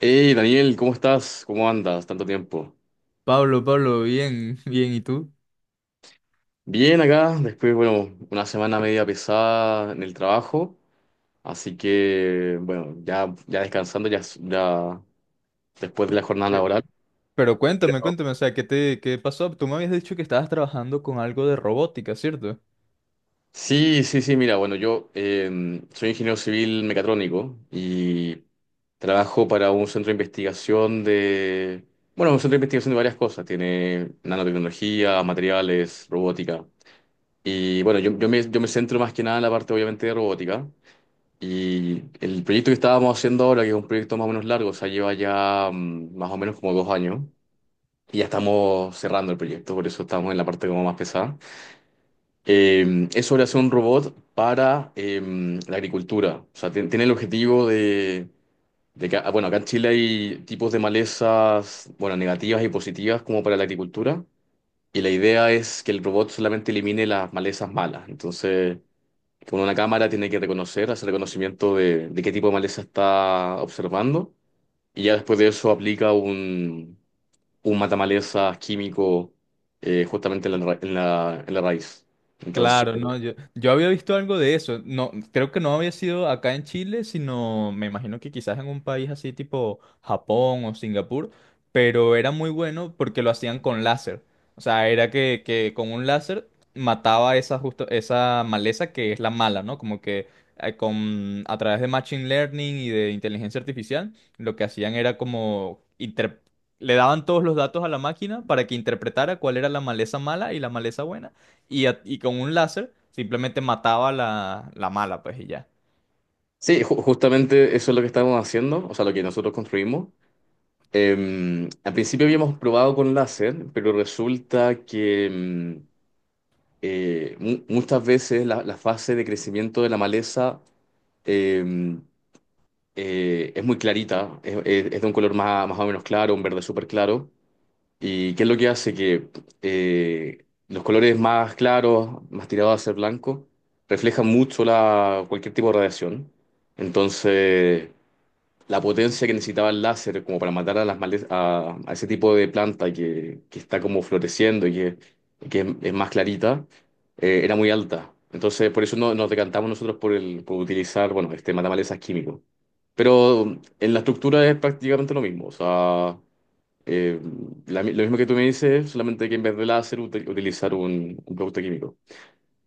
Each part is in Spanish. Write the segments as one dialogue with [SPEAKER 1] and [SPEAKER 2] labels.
[SPEAKER 1] Hey Daniel, ¿cómo estás? ¿Cómo andas? Tanto tiempo.
[SPEAKER 2] Pablo, Pablo, bien, bien, ¿y tú?
[SPEAKER 1] Bien acá, después, bueno, una semana media pesada en el trabajo, así que, bueno, ya descansando, ya después de la jornada
[SPEAKER 2] ¿Qué?
[SPEAKER 1] laboral.
[SPEAKER 2] Pero cuéntame, o sea, qué pasó? Tú me habías dicho que estabas trabajando con algo de robótica, ¿cierto?
[SPEAKER 1] Sí, sí, sí, mira, bueno, yo soy ingeniero civil mecatrónico y trabajo para un centro de investigación de, bueno, un centro de investigación de varias cosas, tiene nanotecnología, materiales, robótica. Y bueno, yo me centro más que nada en la parte obviamente de robótica. Y el proyecto que estábamos haciendo ahora, que es un proyecto más o menos largo, o sea, lleva ya más o menos como 2 años, y ya estamos cerrando el proyecto, por eso estamos en la parte como más pesada. Es sobre hacer un robot para la agricultura. O sea, tiene el objetivo de que, bueno, acá en Chile hay tipos de malezas, bueno, negativas y positivas como para la agricultura, y la idea es que el robot solamente elimine las malezas malas. Entonces, con una cámara tiene que reconocer, hacer reconocimiento de qué tipo de maleza está observando. Y ya después de eso aplica un matamalezas químico justamente en la, en en la raíz. Entonces,
[SPEAKER 2] Claro, no, yo había visto algo de eso. No, creo que no había sido acá en Chile, sino me imagino que quizás en un país así tipo Japón o Singapur, pero era muy bueno porque lo hacían con láser. O sea, era que con un láser mataba esa justo, esa maleza que es la mala, ¿no? Como que con a través de machine learning y de inteligencia artificial, lo que hacían era le daban todos los datos a la máquina para que interpretara cuál era la maleza mala y la maleza buena y, y con un láser simplemente mataba la, la mala, pues y ya.
[SPEAKER 1] sí, justamente eso es lo que estamos haciendo, o sea, lo que nosotros construimos. Al principio habíamos probado con láser, pero resulta que muchas veces la, la fase de crecimiento de la maleza em, es muy clarita, es, es de un color más, más o menos claro, un verde súper claro. ¿Y qué es lo que hace? Que los colores más claros, más tirados a ser blanco, reflejan mucho la, cualquier tipo de radiación. Entonces, la potencia que necesitaba el láser como para matar a, a ese tipo de planta que está como floreciendo y que es más clarita, era muy alta. Entonces, por eso nos decantamos nosotros por, el, por utilizar, bueno, este matamales químico. Pero en la estructura es prácticamente lo mismo. O sea, eh, lo mismo que tú me dices, solamente que en vez de láser utilizar un producto químico.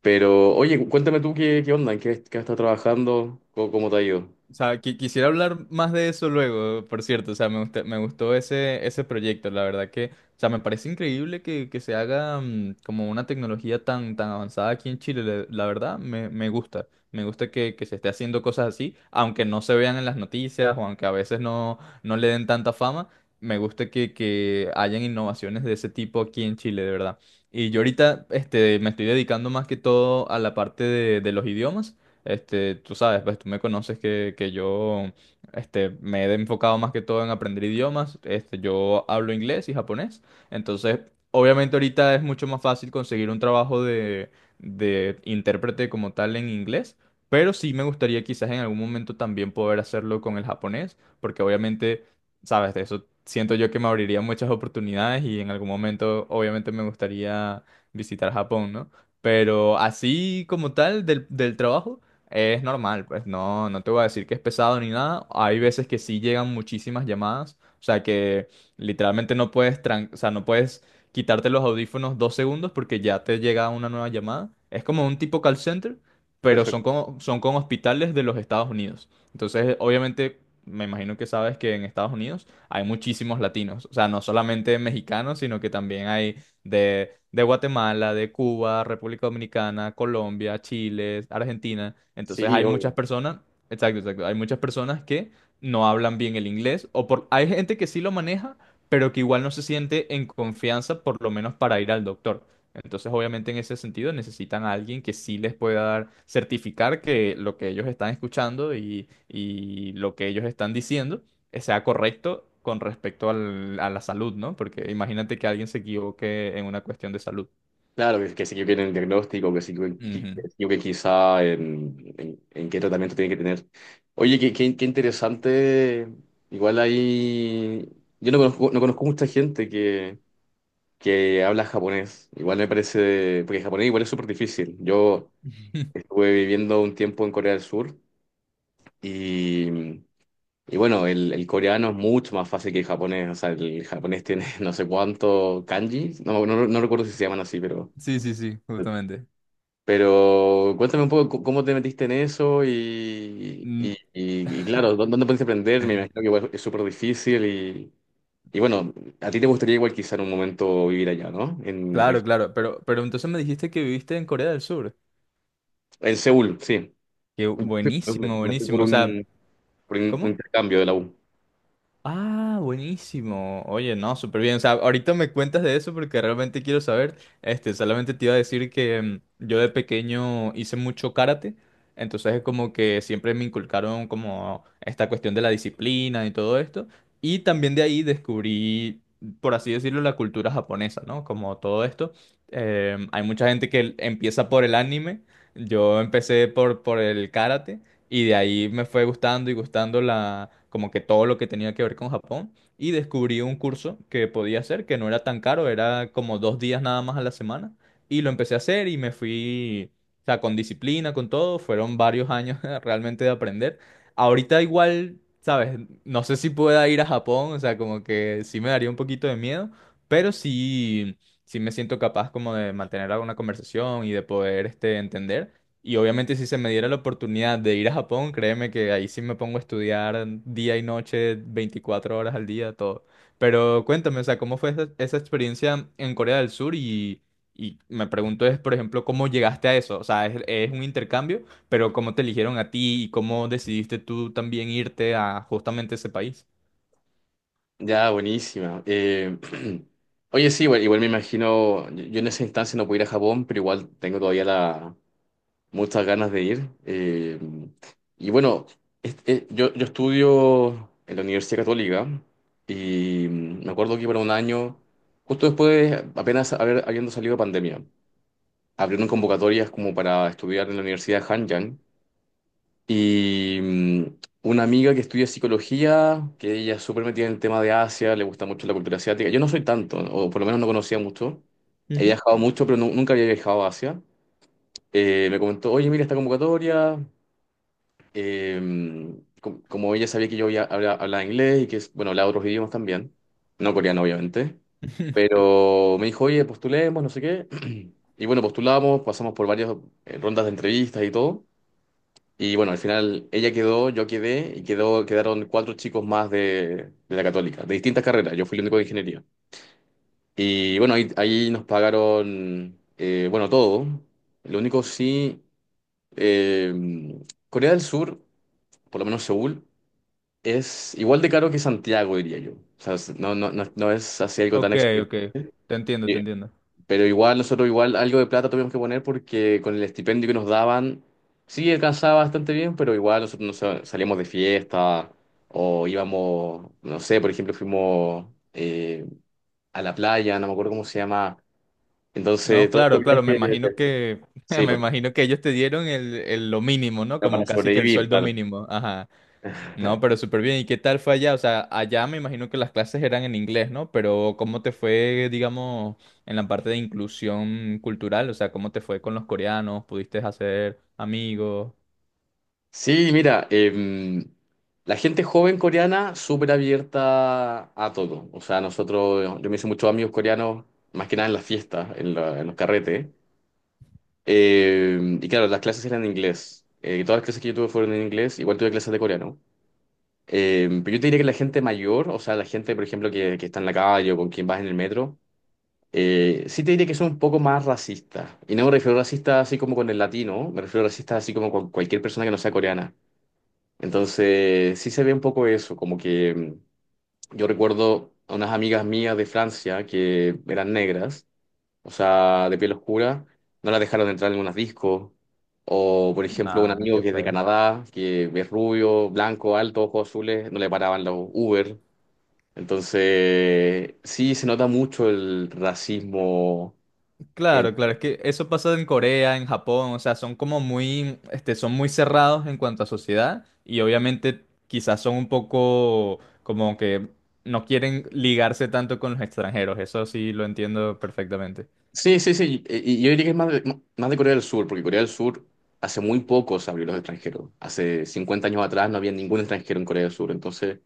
[SPEAKER 1] Pero, oye, cuéntame tú qué, qué onda, en qué, qué has estado trabajando, cómo, cómo te ha ido.
[SPEAKER 2] O sea, quisiera hablar más de eso luego, por cierto. O sea, me gustó ese proyecto. La verdad que, o sea, me parece increíble que se haga como una tecnología tan, tan avanzada aquí en Chile. La verdad, me gusta. Me gusta que se esté haciendo cosas así, aunque no se vean en las noticias o aunque a veces no, no le den tanta fama. Me gusta que hayan innovaciones de ese tipo aquí en Chile, de verdad. Y yo ahorita este, me estoy dedicando más que todo a la parte de los idiomas. Este, tú sabes, pues tú me conoces que yo este, me he enfocado más que todo en aprender idiomas. Este, yo hablo inglés y japonés. Entonces, obviamente ahorita es mucho más fácil conseguir un trabajo de intérprete como tal en inglés. Pero sí me gustaría quizás en algún momento también poder hacerlo con el japonés, porque obviamente, sabes, de eso siento yo que me abriría muchas oportunidades y en algún momento obviamente me gustaría visitar Japón, ¿no? Pero así como tal del, del trabajo. Es normal, pues no, no te voy a decir que es pesado ni nada. Hay veces que sí llegan muchísimas llamadas, o sea que literalmente no puedes, o sea, no puedes quitarte los audífonos dos segundos porque ya te llega una nueva llamada. Es como un tipo call center, pero
[SPEAKER 1] Perfecto.
[SPEAKER 2] son con hospitales de los Estados Unidos. Entonces, obviamente, me imagino que sabes que en Estados Unidos hay muchísimos latinos, o sea, no solamente mexicanos, sino que también hay de Guatemala, de Cuba, República Dominicana, Colombia, Chile, Argentina. Entonces
[SPEAKER 1] Sí,
[SPEAKER 2] hay
[SPEAKER 1] obvio.
[SPEAKER 2] muchas personas, exacto, exacto, hay muchas personas que no hablan bien el inglés o por, hay gente que sí lo maneja, pero que igual no se siente en confianza, por lo menos para ir al doctor. Entonces, obviamente, en ese sentido necesitan a alguien que sí les pueda dar, certificar que lo que ellos están escuchando y lo que ellos están diciendo sea correcto con respecto a la salud, ¿no? Porque imagínate que alguien se equivoque en una cuestión de salud.
[SPEAKER 1] Claro, que sí que quieren el diagnóstico, que sí que,
[SPEAKER 2] Ujú.
[SPEAKER 1] que sí que quizá en, en qué tratamiento tiene que tener. Oye, qué, qué, qué interesante. Igual ahí. Yo no conozco, no conozco mucha gente que. Que habla japonés. Igual me parece, porque japonés igual es súper difícil. Yo estuve viviendo un tiempo en Corea del Sur y, y bueno, el coreano es mucho más fácil que el japonés. O sea, el japonés tiene no sé cuánto kanji, no, no, no recuerdo si se llaman así, pero...
[SPEAKER 2] Sí, sí, sí, justamente.
[SPEAKER 1] Pero cuéntame un poco cómo te metiste en eso y,
[SPEAKER 2] Mm.
[SPEAKER 1] y claro, ¿dónde pudiste aprender? Me imagino que igual es súper difícil y bueno, a ti te gustaría igual quizá en un momento vivir allá, ¿no?
[SPEAKER 2] Claro, claro, pero entonces me dijiste que viviste en Corea del Sur.
[SPEAKER 1] En Seúl, sí.
[SPEAKER 2] Qué
[SPEAKER 1] Me, me-
[SPEAKER 2] buenísimo,
[SPEAKER 1] me fui
[SPEAKER 2] buenísimo. O sea,
[SPEAKER 1] por un
[SPEAKER 2] ¿cómo?
[SPEAKER 1] intercambio de la U.
[SPEAKER 2] Ah, buenísimo. Oye, no, súper bien. O sea, ahorita me cuentas de eso porque realmente quiero saber. Este, solamente te iba a decir que yo de pequeño hice mucho karate. Entonces es como que siempre me inculcaron como esta cuestión de la disciplina y todo esto. Y también de ahí descubrí, por así decirlo, la cultura japonesa, ¿no? Como todo esto. Em, hay mucha gente que empieza por el anime. Yo empecé por el karate. Y de ahí me fue gustando y gustando la, como que todo lo que tenía que ver con Japón. Y descubrí un curso que podía hacer, que no era tan caro, era como dos días nada más a la semana. Y lo empecé a hacer y me fui, o sea, con disciplina, con todo. Fueron varios años realmente de aprender. Ahorita igual, ¿sabes? No sé si pueda ir a Japón, o sea, como que sí me daría un poquito de miedo, pero sí, sí me siento capaz como de mantener alguna conversación y de poder, este, entender. Y obviamente si se me diera la oportunidad de ir a Japón, créeme que ahí sí me pongo a estudiar día y noche, 24 horas al día, todo. Pero cuéntame, o sea, ¿cómo fue esa experiencia en Corea del Sur? Y me pregunto es, por ejemplo, ¿cómo llegaste a eso? O sea, es un intercambio, pero ¿cómo te eligieron a ti y cómo decidiste tú también irte a justamente ese país?
[SPEAKER 1] Ya, buenísima. Oye, sí, igual, igual me imagino, yo en esa instancia no pude ir a Japón, pero igual tengo todavía la, muchas ganas de ir. Y bueno, este, yo estudio en la Universidad Católica y me acuerdo que para un año, justo después, apenas habiendo salido de pandemia, abrieron convocatorias como para estudiar en la Universidad de Hanyang. Y una amiga que estudia psicología, que ella es súper metida en el tema de Asia, le gusta mucho la cultura asiática. Yo no soy tanto, o por lo menos no conocía mucho. He
[SPEAKER 2] Ujú.
[SPEAKER 1] viajado mucho, pero nunca había viajado a Asia. Me comentó, oye, mira esta convocatoria. Como ella sabía que yo hablaba inglés y que, bueno, hablaba otros idiomas también. No coreano, obviamente. Pero me dijo, oye, postulemos, no sé qué. Y bueno, postulamos, pasamos por varias rondas de entrevistas y todo. Y bueno, al final ella quedó, yo quedé y quedaron cuatro chicos más de la Católica, de distintas carreras. Yo fui el único de ingeniería. Y bueno, ahí nos pagaron, bueno, todo. Lo único sí, eh, Corea del Sur, por lo menos Seúl, es igual de caro que Santiago, diría yo. O sea, no, no, no, no es así algo tan
[SPEAKER 2] Ok, ok,
[SPEAKER 1] exorbitante.
[SPEAKER 2] te entiendo.
[SPEAKER 1] Pero igual, nosotros igual algo de plata tuvimos que poner porque con el estipendio que nos daban, sí alcanzaba bastante bien, pero igual nosotros salíamos de fiesta o íbamos, no sé, por ejemplo, fuimos eh, a la playa, no me acuerdo cómo se llama. Entonces,
[SPEAKER 2] No,
[SPEAKER 1] todos estos
[SPEAKER 2] claro, claro, me
[SPEAKER 1] viajes,
[SPEAKER 2] imagino que,
[SPEAKER 1] sí,
[SPEAKER 2] me
[SPEAKER 1] pues
[SPEAKER 2] imagino que ellos te dieron el, lo mínimo, ¿no?
[SPEAKER 1] era para
[SPEAKER 2] Como casi que el
[SPEAKER 1] sobrevivir,
[SPEAKER 2] sueldo
[SPEAKER 1] claro.
[SPEAKER 2] mínimo. Ajá. No, pero súper bien. ¿Y qué tal fue allá? O sea, allá me imagino que las clases eran en inglés, ¿no? Pero ¿cómo te fue, digamos, en la parte de inclusión cultural? O sea, ¿cómo te fue con los coreanos? ¿Pudiste hacer amigos?
[SPEAKER 1] Sí, mira, la gente joven coreana súper abierta a todo. O sea, nosotros, yo me hice muchos amigos coreanos, más que nada en las fiestas, en, en los carretes. Y claro, las clases eran en inglés. Todas las clases que yo tuve fueron en inglés, igual tuve clases de coreano. Pero yo te diría que la gente mayor, o sea, la gente, por ejemplo, que está en la calle o con quien vas en el metro, sí te diría que son un poco más racistas. Y no me refiero a racistas así como con el latino, me refiero a racistas así como con cualquier persona que no sea coreana. Entonces, sí se ve un poco eso, como que yo recuerdo a unas amigas mías de Francia que eran negras, o sea, de piel oscura, no la dejaron entrar en algunos discos. O, por ejemplo, un
[SPEAKER 2] Nada,
[SPEAKER 1] amigo
[SPEAKER 2] qué
[SPEAKER 1] que es de
[SPEAKER 2] feo.
[SPEAKER 1] Canadá, que es rubio, blanco, alto, ojos azules, no le paraban los Uber. Entonces, sí, se nota mucho el racismo. en-
[SPEAKER 2] Claro, claro, es que eso pasa en Corea, en Japón, o sea, son como muy, este, son muy cerrados en cuanto a sociedad y obviamente quizás son un poco como que no quieren ligarse tanto con los extranjeros, eso sí lo entiendo perfectamente.
[SPEAKER 1] Sí, sí, sí. Y yo diría que es más de Corea del Sur, porque Corea del Sur hace muy poco se abrió los extranjeros. Hace 50 años atrás no había ningún extranjero en Corea del Sur. Entonces,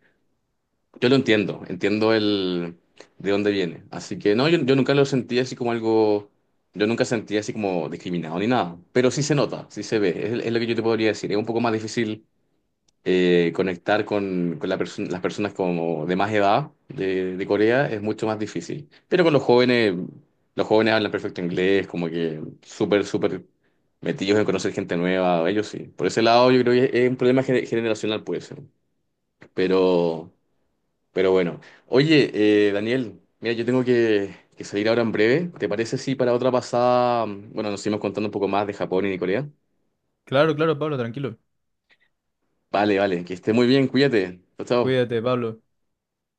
[SPEAKER 1] yo lo entiendo, entiendo el de dónde viene. Así que no, yo nunca lo sentí así como algo, yo nunca sentí así como discriminado ni nada, pero sí se nota, sí se ve, es lo que yo te podría decir. Es un poco más difícil conectar con las personas como de más edad de Corea, es mucho más difícil. Pero con los jóvenes hablan perfecto inglés, como que súper, súper metidos en conocer gente nueva, ellos sí. Por ese lado yo creo que es un problema generacional puede ser, pero... Pero bueno, oye, Daniel, mira, yo tengo que salir ahora en breve. ¿Te parece si para otra pasada, bueno, nos seguimos contando un poco más de Japón y de Corea?
[SPEAKER 2] Claro, claro, Pablo, tranquilo.
[SPEAKER 1] Vale, vale, que esté muy bien, cuídate. Chao, chao.
[SPEAKER 2] Cuídate, Pablo.